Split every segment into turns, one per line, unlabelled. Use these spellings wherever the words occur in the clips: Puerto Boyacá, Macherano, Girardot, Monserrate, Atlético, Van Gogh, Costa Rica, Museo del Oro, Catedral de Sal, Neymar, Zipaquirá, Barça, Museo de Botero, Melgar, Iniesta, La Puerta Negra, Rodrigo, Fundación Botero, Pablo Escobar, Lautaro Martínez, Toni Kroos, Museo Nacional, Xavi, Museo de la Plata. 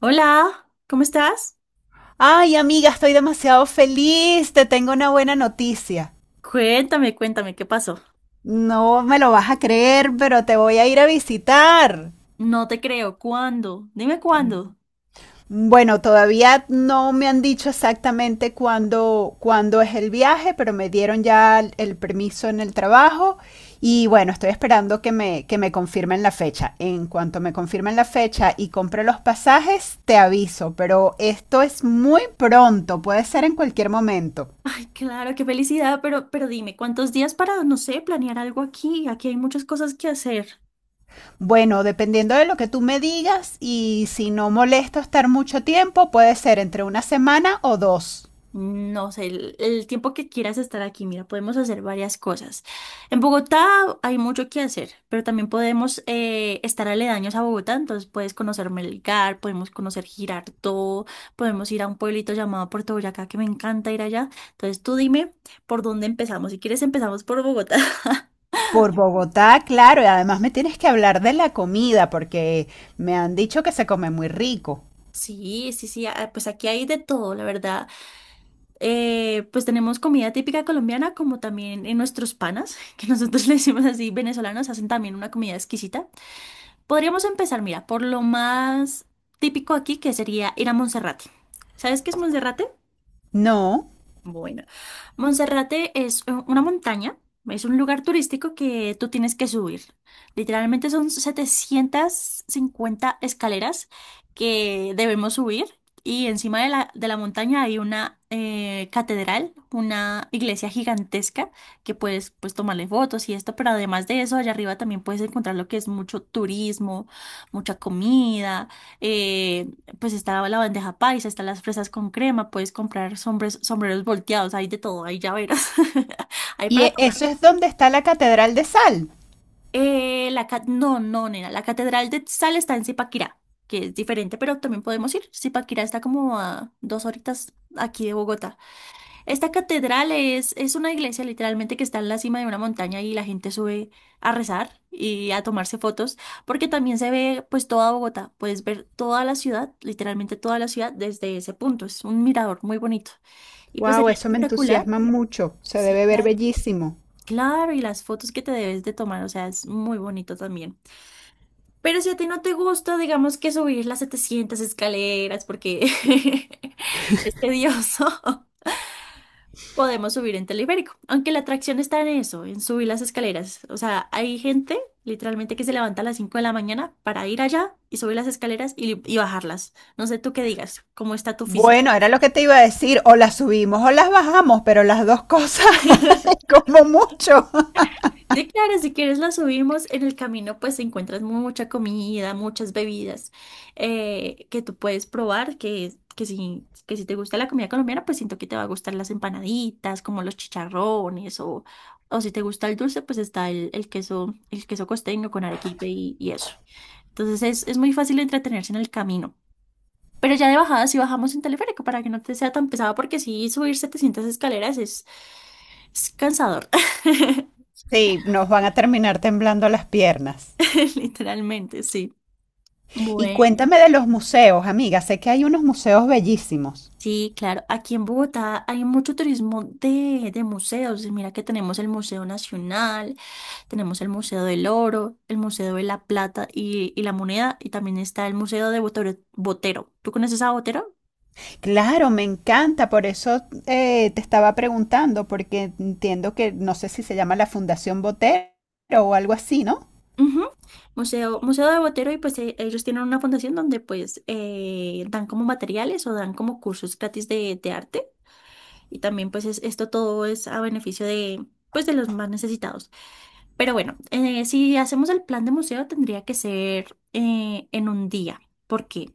Hola, ¿cómo estás?
Ay, amiga, estoy demasiado feliz, te tengo una buena noticia.
Cuéntame, cuéntame, ¿qué pasó?
No me lo vas a creer, pero te voy a ir a visitar.
No te creo, ¿cuándo? Dime cuándo.
Bueno, todavía no me han dicho exactamente cuándo es el viaje, pero me dieron ya el permiso en el trabajo y bueno, estoy esperando que me confirmen la fecha. En cuanto me confirmen la fecha y compre los pasajes, te aviso, pero esto es muy pronto, puede ser en cualquier momento.
Ay, claro, qué felicidad, pero dime, ¿cuántos días para, no sé, planear algo aquí? Aquí hay muchas cosas que hacer.
Bueno, dependiendo de lo que tú me digas y si no molesta estar mucho tiempo, puede ser entre una semana o dos.
No sé, el tiempo que quieras estar aquí, mira, podemos hacer varias cosas. En Bogotá hay mucho que hacer, pero también podemos estar aledaños a Bogotá, entonces puedes conocer Melgar, podemos conocer Girardot, podemos ir a un pueblito llamado Puerto Boyacá, que me encanta ir allá. Entonces tú dime por dónde empezamos. Si quieres empezamos por Bogotá.
Por Bogotá, claro, y además me tienes que hablar de la comida porque me han dicho que se come muy rico.
Sí, sí, sí, ah, pues aquí hay de todo, la verdad. Pues tenemos comida típica colombiana, como también en nuestros panas, que nosotros le decimos así, venezolanos hacen también una comida exquisita. Podríamos empezar, mira, por lo más típico aquí, que sería ir a Monserrate. ¿Sabes qué es Monserrate?
No,
Bueno, Monserrate es una montaña, es un lugar turístico que tú tienes que subir. Literalmente son 750 escaleras que debemos subir y encima de la montaña hay una catedral, una iglesia gigantesca que puedes pues tomarle fotos y esto, pero además de eso, allá arriba también puedes encontrar lo que es mucho turismo, mucha comida. eh, pues está la bandeja paisa, están las fresas con crema, puedes comprar sombres, sombreros volteados, hay de todo, hay llaveros, hay
y
para todo.
eso es donde está la Catedral de Sal.
No, no, nena, la Catedral de Sal está en Zipaquirá, que es diferente, pero también podemos ir. Zipaquirá está como a dos horitas aquí de Bogotá. Esta catedral es una iglesia literalmente que está en la cima de una montaña y la gente sube a rezar y a tomarse fotos, porque también se ve pues toda Bogotá, puedes ver toda la ciudad, literalmente toda la ciudad desde ese punto, es un mirador muy bonito y pues
Wow,
sería
eso me
espectacular.
entusiasma mucho. Se
Sí,
debe ver
claro.
bellísimo.
Claro, y las fotos que te debes de tomar, o sea, es muy bonito también. Pero si a ti no te gusta, digamos que subir las 700 escaleras porque es tedioso. Podemos subir en teleférico. Aunque la atracción está en eso, en subir las escaleras. O sea, hay gente literalmente que se levanta a las 5 de la mañana para ir allá y subir las escaleras y bajarlas. No sé tú qué digas, cómo está tu físico.
Bueno, era lo que te iba a decir, o las subimos o las bajamos, pero las dos cosas como mucho.
Sí, claro, si quieres la subimos. En el camino pues encuentras mucha comida, muchas bebidas que tú puedes probar, que si te gusta la comida colombiana, pues siento que te va a gustar las empanaditas, como los chicharrones, o si te gusta el dulce, pues está el queso, el queso costeño con arequipe y eso. Entonces es muy fácil entretenerse en el camino. Pero ya de bajada sí bajamos en teleférico para que no te sea tan pesado, porque si subir 700 escaleras es cansador,
Sí, nos van a terminar temblando las piernas.
literalmente, sí.
Y
Bueno.
cuéntame de los museos, amiga. Sé que hay unos museos bellísimos.
Sí, claro. Aquí en Bogotá hay mucho turismo de museos. Y mira que tenemos el Museo Nacional, tenemos el Museo del Oro, el Museo de la Plata y la Moneda, y también está el Museo de Botero. Botero. ¿Tú conoces a Botero?
Claro, me encanta, por eso te estaba preguntando, porque entiendo que no sé si se llama la Fundación Botero o algo así, ¿no?
Ujú. Museo de Botero y pues ellos tienen una fundación donde pues dan como materiales o dan como cursos gratis de arte. Y también pues esto todo es a beneficio de, pues, de los más necesitados. Pero bueno, si hacemos el plan de museo tendría que ser en un día, porque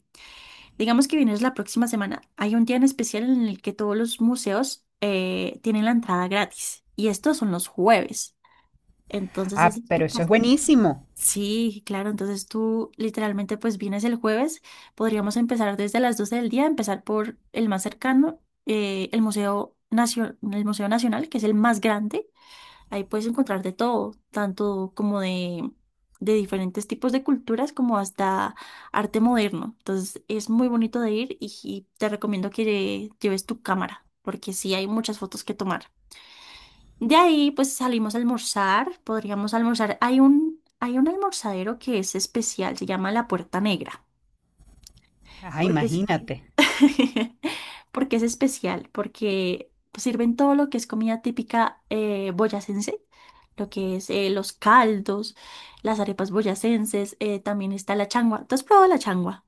digamos que vienes la próxima semana, hay un día en especial en el que todos los museos tienen la entrada gratis y estos son los jueves. Entonces es
Ah, pero eso es
espectacular.
buenísimo.
Sí, claro, entonces tú literalmente pues vienes el jueves, podríamos empezar desde las 12 del día, empezar por el más cercano, el Museo Nacional, que es el más grande, ahí puedes encontrar de todo, tanto como de diferentes tipos de culturas como hasta arte moderno, entonces es muy bonito de ir y te recomiendo que lleves tu cámara, porque sí hay muchas fotos que tomar. De ahí, pues salimos a almorzar, podríamos almorzar. Hay un almorzadero que es especial, se llama La Puerta Negra,
Ah,
porque es,
imagínate.
porque es especial, porque sirven todo lo que es comida típica boyacense, lo que es los caldos, las arepas boyacenses, también está la changua. ¿Tú has probado la changua?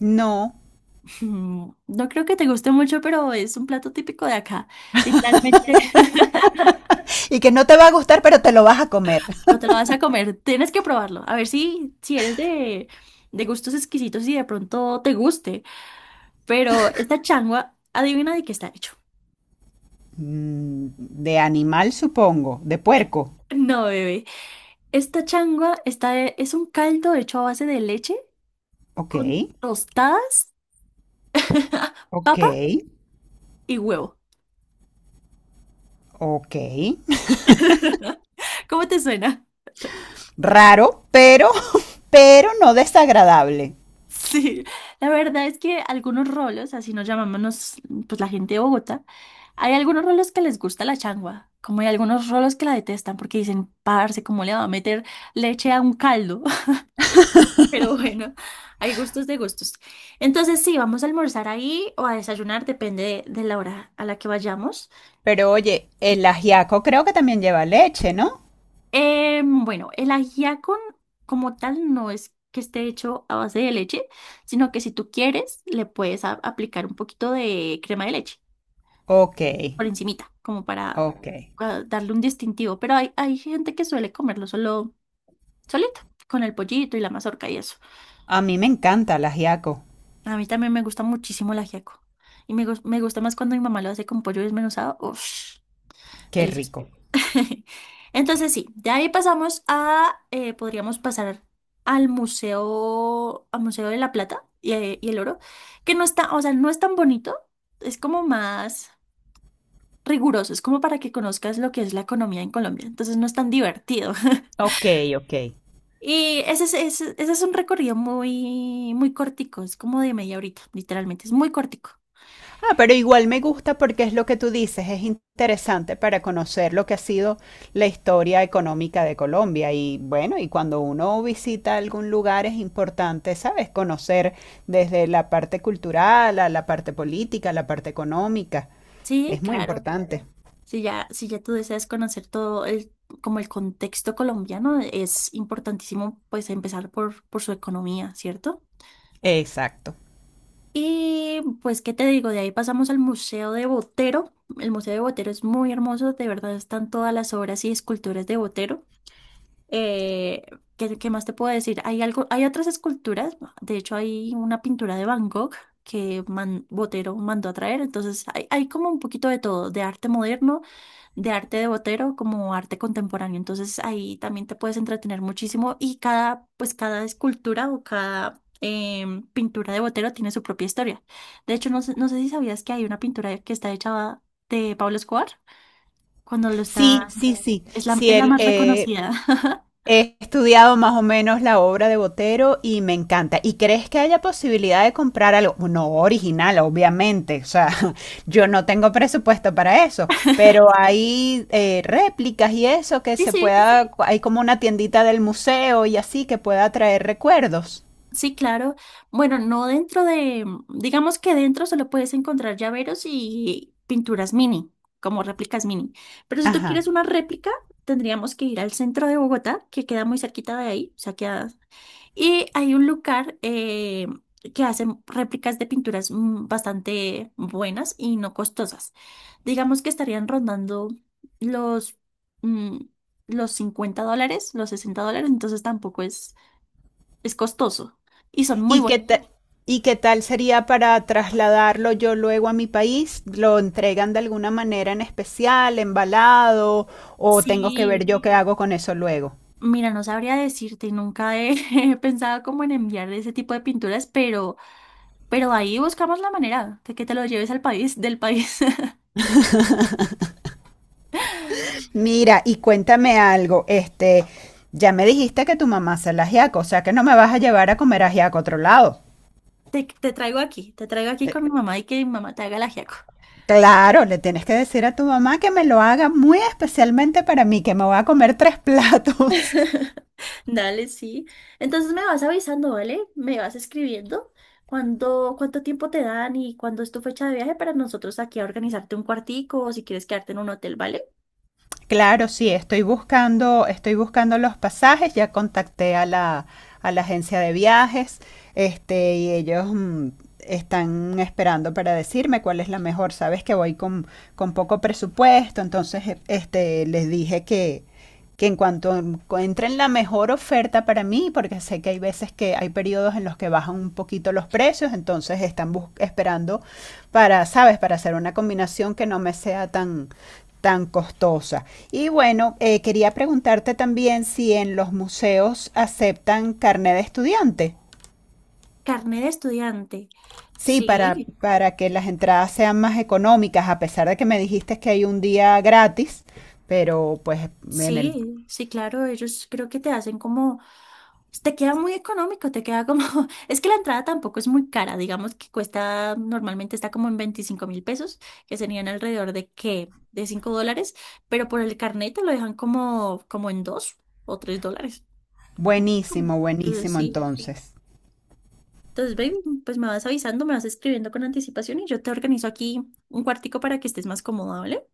No.
No creo que te guste mucho, pero es un plato típico de acá, literalmente.
Y que no te va a gustar, pero te lo vas a comer.
Pero te lo vas a comer, tienes que probarlo. A ver si eres de, gustos exquisitos y de pronto te guste. Pero esta changua, adivina de qué está hecho.
Mm, de animal, supongo. De puerco.
No, bebé. Esta changua es un caldo hecho a base de leche
Ok,
con tostadas,
ok,
papa y huevo.
ok.
¿Cómo te suena?
Raro, pero no desagradable.
Sí, la verdad es que algunos rolos, así nos llamamos pues la gente de Bogotá, hay algunos rolos que les gusta la changua, como hay algunos rolos que la detestan porque dicen, parce, ¿cómo le va a meter leche a un caldo? Pero bueno, hay gustos de gustos. Entonces sí, vamos a almorzar ahí o a desayunar, depende de la hora a la que vayamos.
Pero oye, el ajiaco creo que también lleva leche, ¿no?
Bueno, el ajiaco como tal no es que esté hecho a base de leche, sino que si tú quieres, le puedes aplicar un poquito de crema de leche.
Ok,
Por encimita, como para
ok.
darle un distintivo. Pero hay gente que suele comerlo solo, solito, con el pollito y la mazorca y eso.
A mí me encanta el ajiaco.
A mí también me gusta muchísimo el ajiaco. Y me gusta más cuando mi mamá lo hace con pollo desmenuzado. Uff,
Qué
delicioso.
rico.
Entonces sí, de ahí pasamos podríamos pasar al Museo de la Plata y el Oro, que no está, o sea, no es tan bonito, es como más... rigurosos, como para que conozcas lo que es la economía en Colombia. Entonces no es tan divertido.
Ok, ok.
Y ese es un recorrido muy, muy cortico, es como de media horita, literalmente, es muy cortico.
Ah, pero igual me gusta porque es lo que tú dices, es interesante para conocer lo que ha sido la historia económica de Colombia. Y bueno, y cuando uno visita algún lugar es importante, ¿sabes? Conocer desde la parte cultural a la parte política, a la parte económica.
Sí,
Es muy
claro.
importante.
Si ya, si ya tú deseas conocer todo el, como el contexto colombiano, es importantísimo pues empezar por su economía, ¿cierto?
Exacto.
Y pues, ¿qué te digo? De ahí pasamos al Museo de Botero. El Museo de Botero es muy hermoso, de verdad están todas las obras y esculturas de Botero. Eh, ¿qué más te puedo decir? Hay algo, hay otras esculturas, de hecho hay una pintura de Van Gogh que Botero mandó a traer, entonces hay como un poquito de todo, de arte moderno, de arte de Botero, como arte contemporáneo, entonces ahí también te puedes entretener muchísimo y cada, pues cada escultura o cada pintura de Botero tiene su propia historia. De hecho, no sé si sabías que hay una pintura que está hecha de Pablo Escobar, cuando lo
Sí,
está,
sí, sí.
es la,
Sí,
es la
él,
más reconocida.
he estudiado más o menos la obra de Botero y me encanta. ¿Y crees que haya posibilidad de comprar algo? No original, obviamente. O sea, yo no tengo presupuesto para eso, pero hay réplicas y eso que
Sí,
se
sí,
pueda, hay como una tiendita del museo y así que pueda traer recuerdos.
sí, claro. Bueno, no dentro de, digamos que dentro solo puedes encontrar llaveros y pinturas mini, como réplicas mini. Pero si tú
Ajá.
quieres una réplica, tendríamos que ir al centro de Bogotá, que queda muy cerquita de ahí, o sea, queda... Y hay un lugar que hacen réplicas de pinturas bastante buenas y no costosas. Digamos que estarían rondando los... mm, los $50, los $60, entonces tampoco es costoso y son muy
¿Y qué
bonitos.
ta- ¿Y qué tal sería para trasladarlo yo luego a mi país? ¿Lo entregan de alguna manera en especial, embalado, o tengo que
Sí,
ver yo qué hago con eso luego?
mira, no sabría decirte, nunca he pensado como en enviar ese tipo de pinturas, pero ahí buscamos la manera de que te lo lleves al país, del país.
Mira, y cuéntame algo, este, ya me dijiste que tu mamá hace el ajiaco, o sea que no me vas a llevar a comer ajiaco a otro lado.
Te traigo aquí, te traigo aquí con mi mamá y que mi mamá te haga el ajiaco.
Claro, le tienes que decir a tu mamá que me lo haga muy especialmente para mí, que me voy a comer tres platos.
Dale, sí. Entonces me vas avisando, ¿vale? Me vas escribiendo cuándo, cuánto tiempo te dan y cuándo es tu fecha de viaje para nosotros aquí a organizarte un cuartico o si quieres quedarte en un hotel, ¿vale?
Claro, sí, estoy buscando los pasajes, ya contacté a a la agencia de viajes, este, y ellos mm, están esperando para decirme cuál es la mejor. Sabes que voy con poco presupuesto, entonces este, les dije que en cuanto encuentren la mejor oferta para mí, porque sé que hay veces que hay periodos en los que bajan un poquito los precios, entonces están esperando para, sabes, para hacer una combinación que no me sea tan, tan costosa. Y bueno, quería preguntarte también si en los museos aceptan carnet de estudiante.
Carnet de estudiante.
Sí,
Sí,
para que las entradas sean más económicas, a pesar de que me dijiste que hay un día gratis, pero pues en el
sí, sí, claro, ellos creo que te hacen como, te queda muy económico, te queda como, es que la entrada tampoco es muy cara, digamos que cuesta, normalmente está como en 25.000 pesos, que serían alrededor de qué, de $5, pero por el carnet te lo dejan como, como en 2 o 3 dólares. como- como-
buenísimo,
Entonces
buenísimo
sí,
entonces.
entonces baby, pues me vas avisando, me vas escribiendo con anticipación y yo te organizo aquí un cuartico para que estés más cómoda, ¿vale?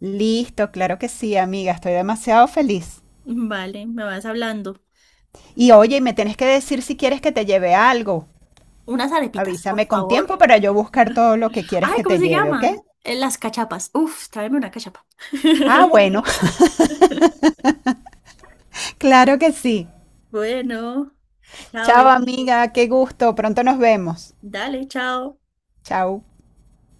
Listo, claro que sí, amiga, estoy demasiado feliz.
Vale, me vas hablando.
Y oye, y me tienes que decir si quieres que te lleve algo.
Unas arepitas, por
Avísame con
favor.
tiempo para yo buscar todo lo que quieres
Ay,
que
¿cómo
te
se
lleve, ¿ok?
llama? Las cachapas. Uf, tráeme una cachapa.
Ah, bueno, claro que sí.
Bueno, chao,
Chao
baby.
amiga, qué gusto, pronto nos vemos.
Dale, chao.
Chao.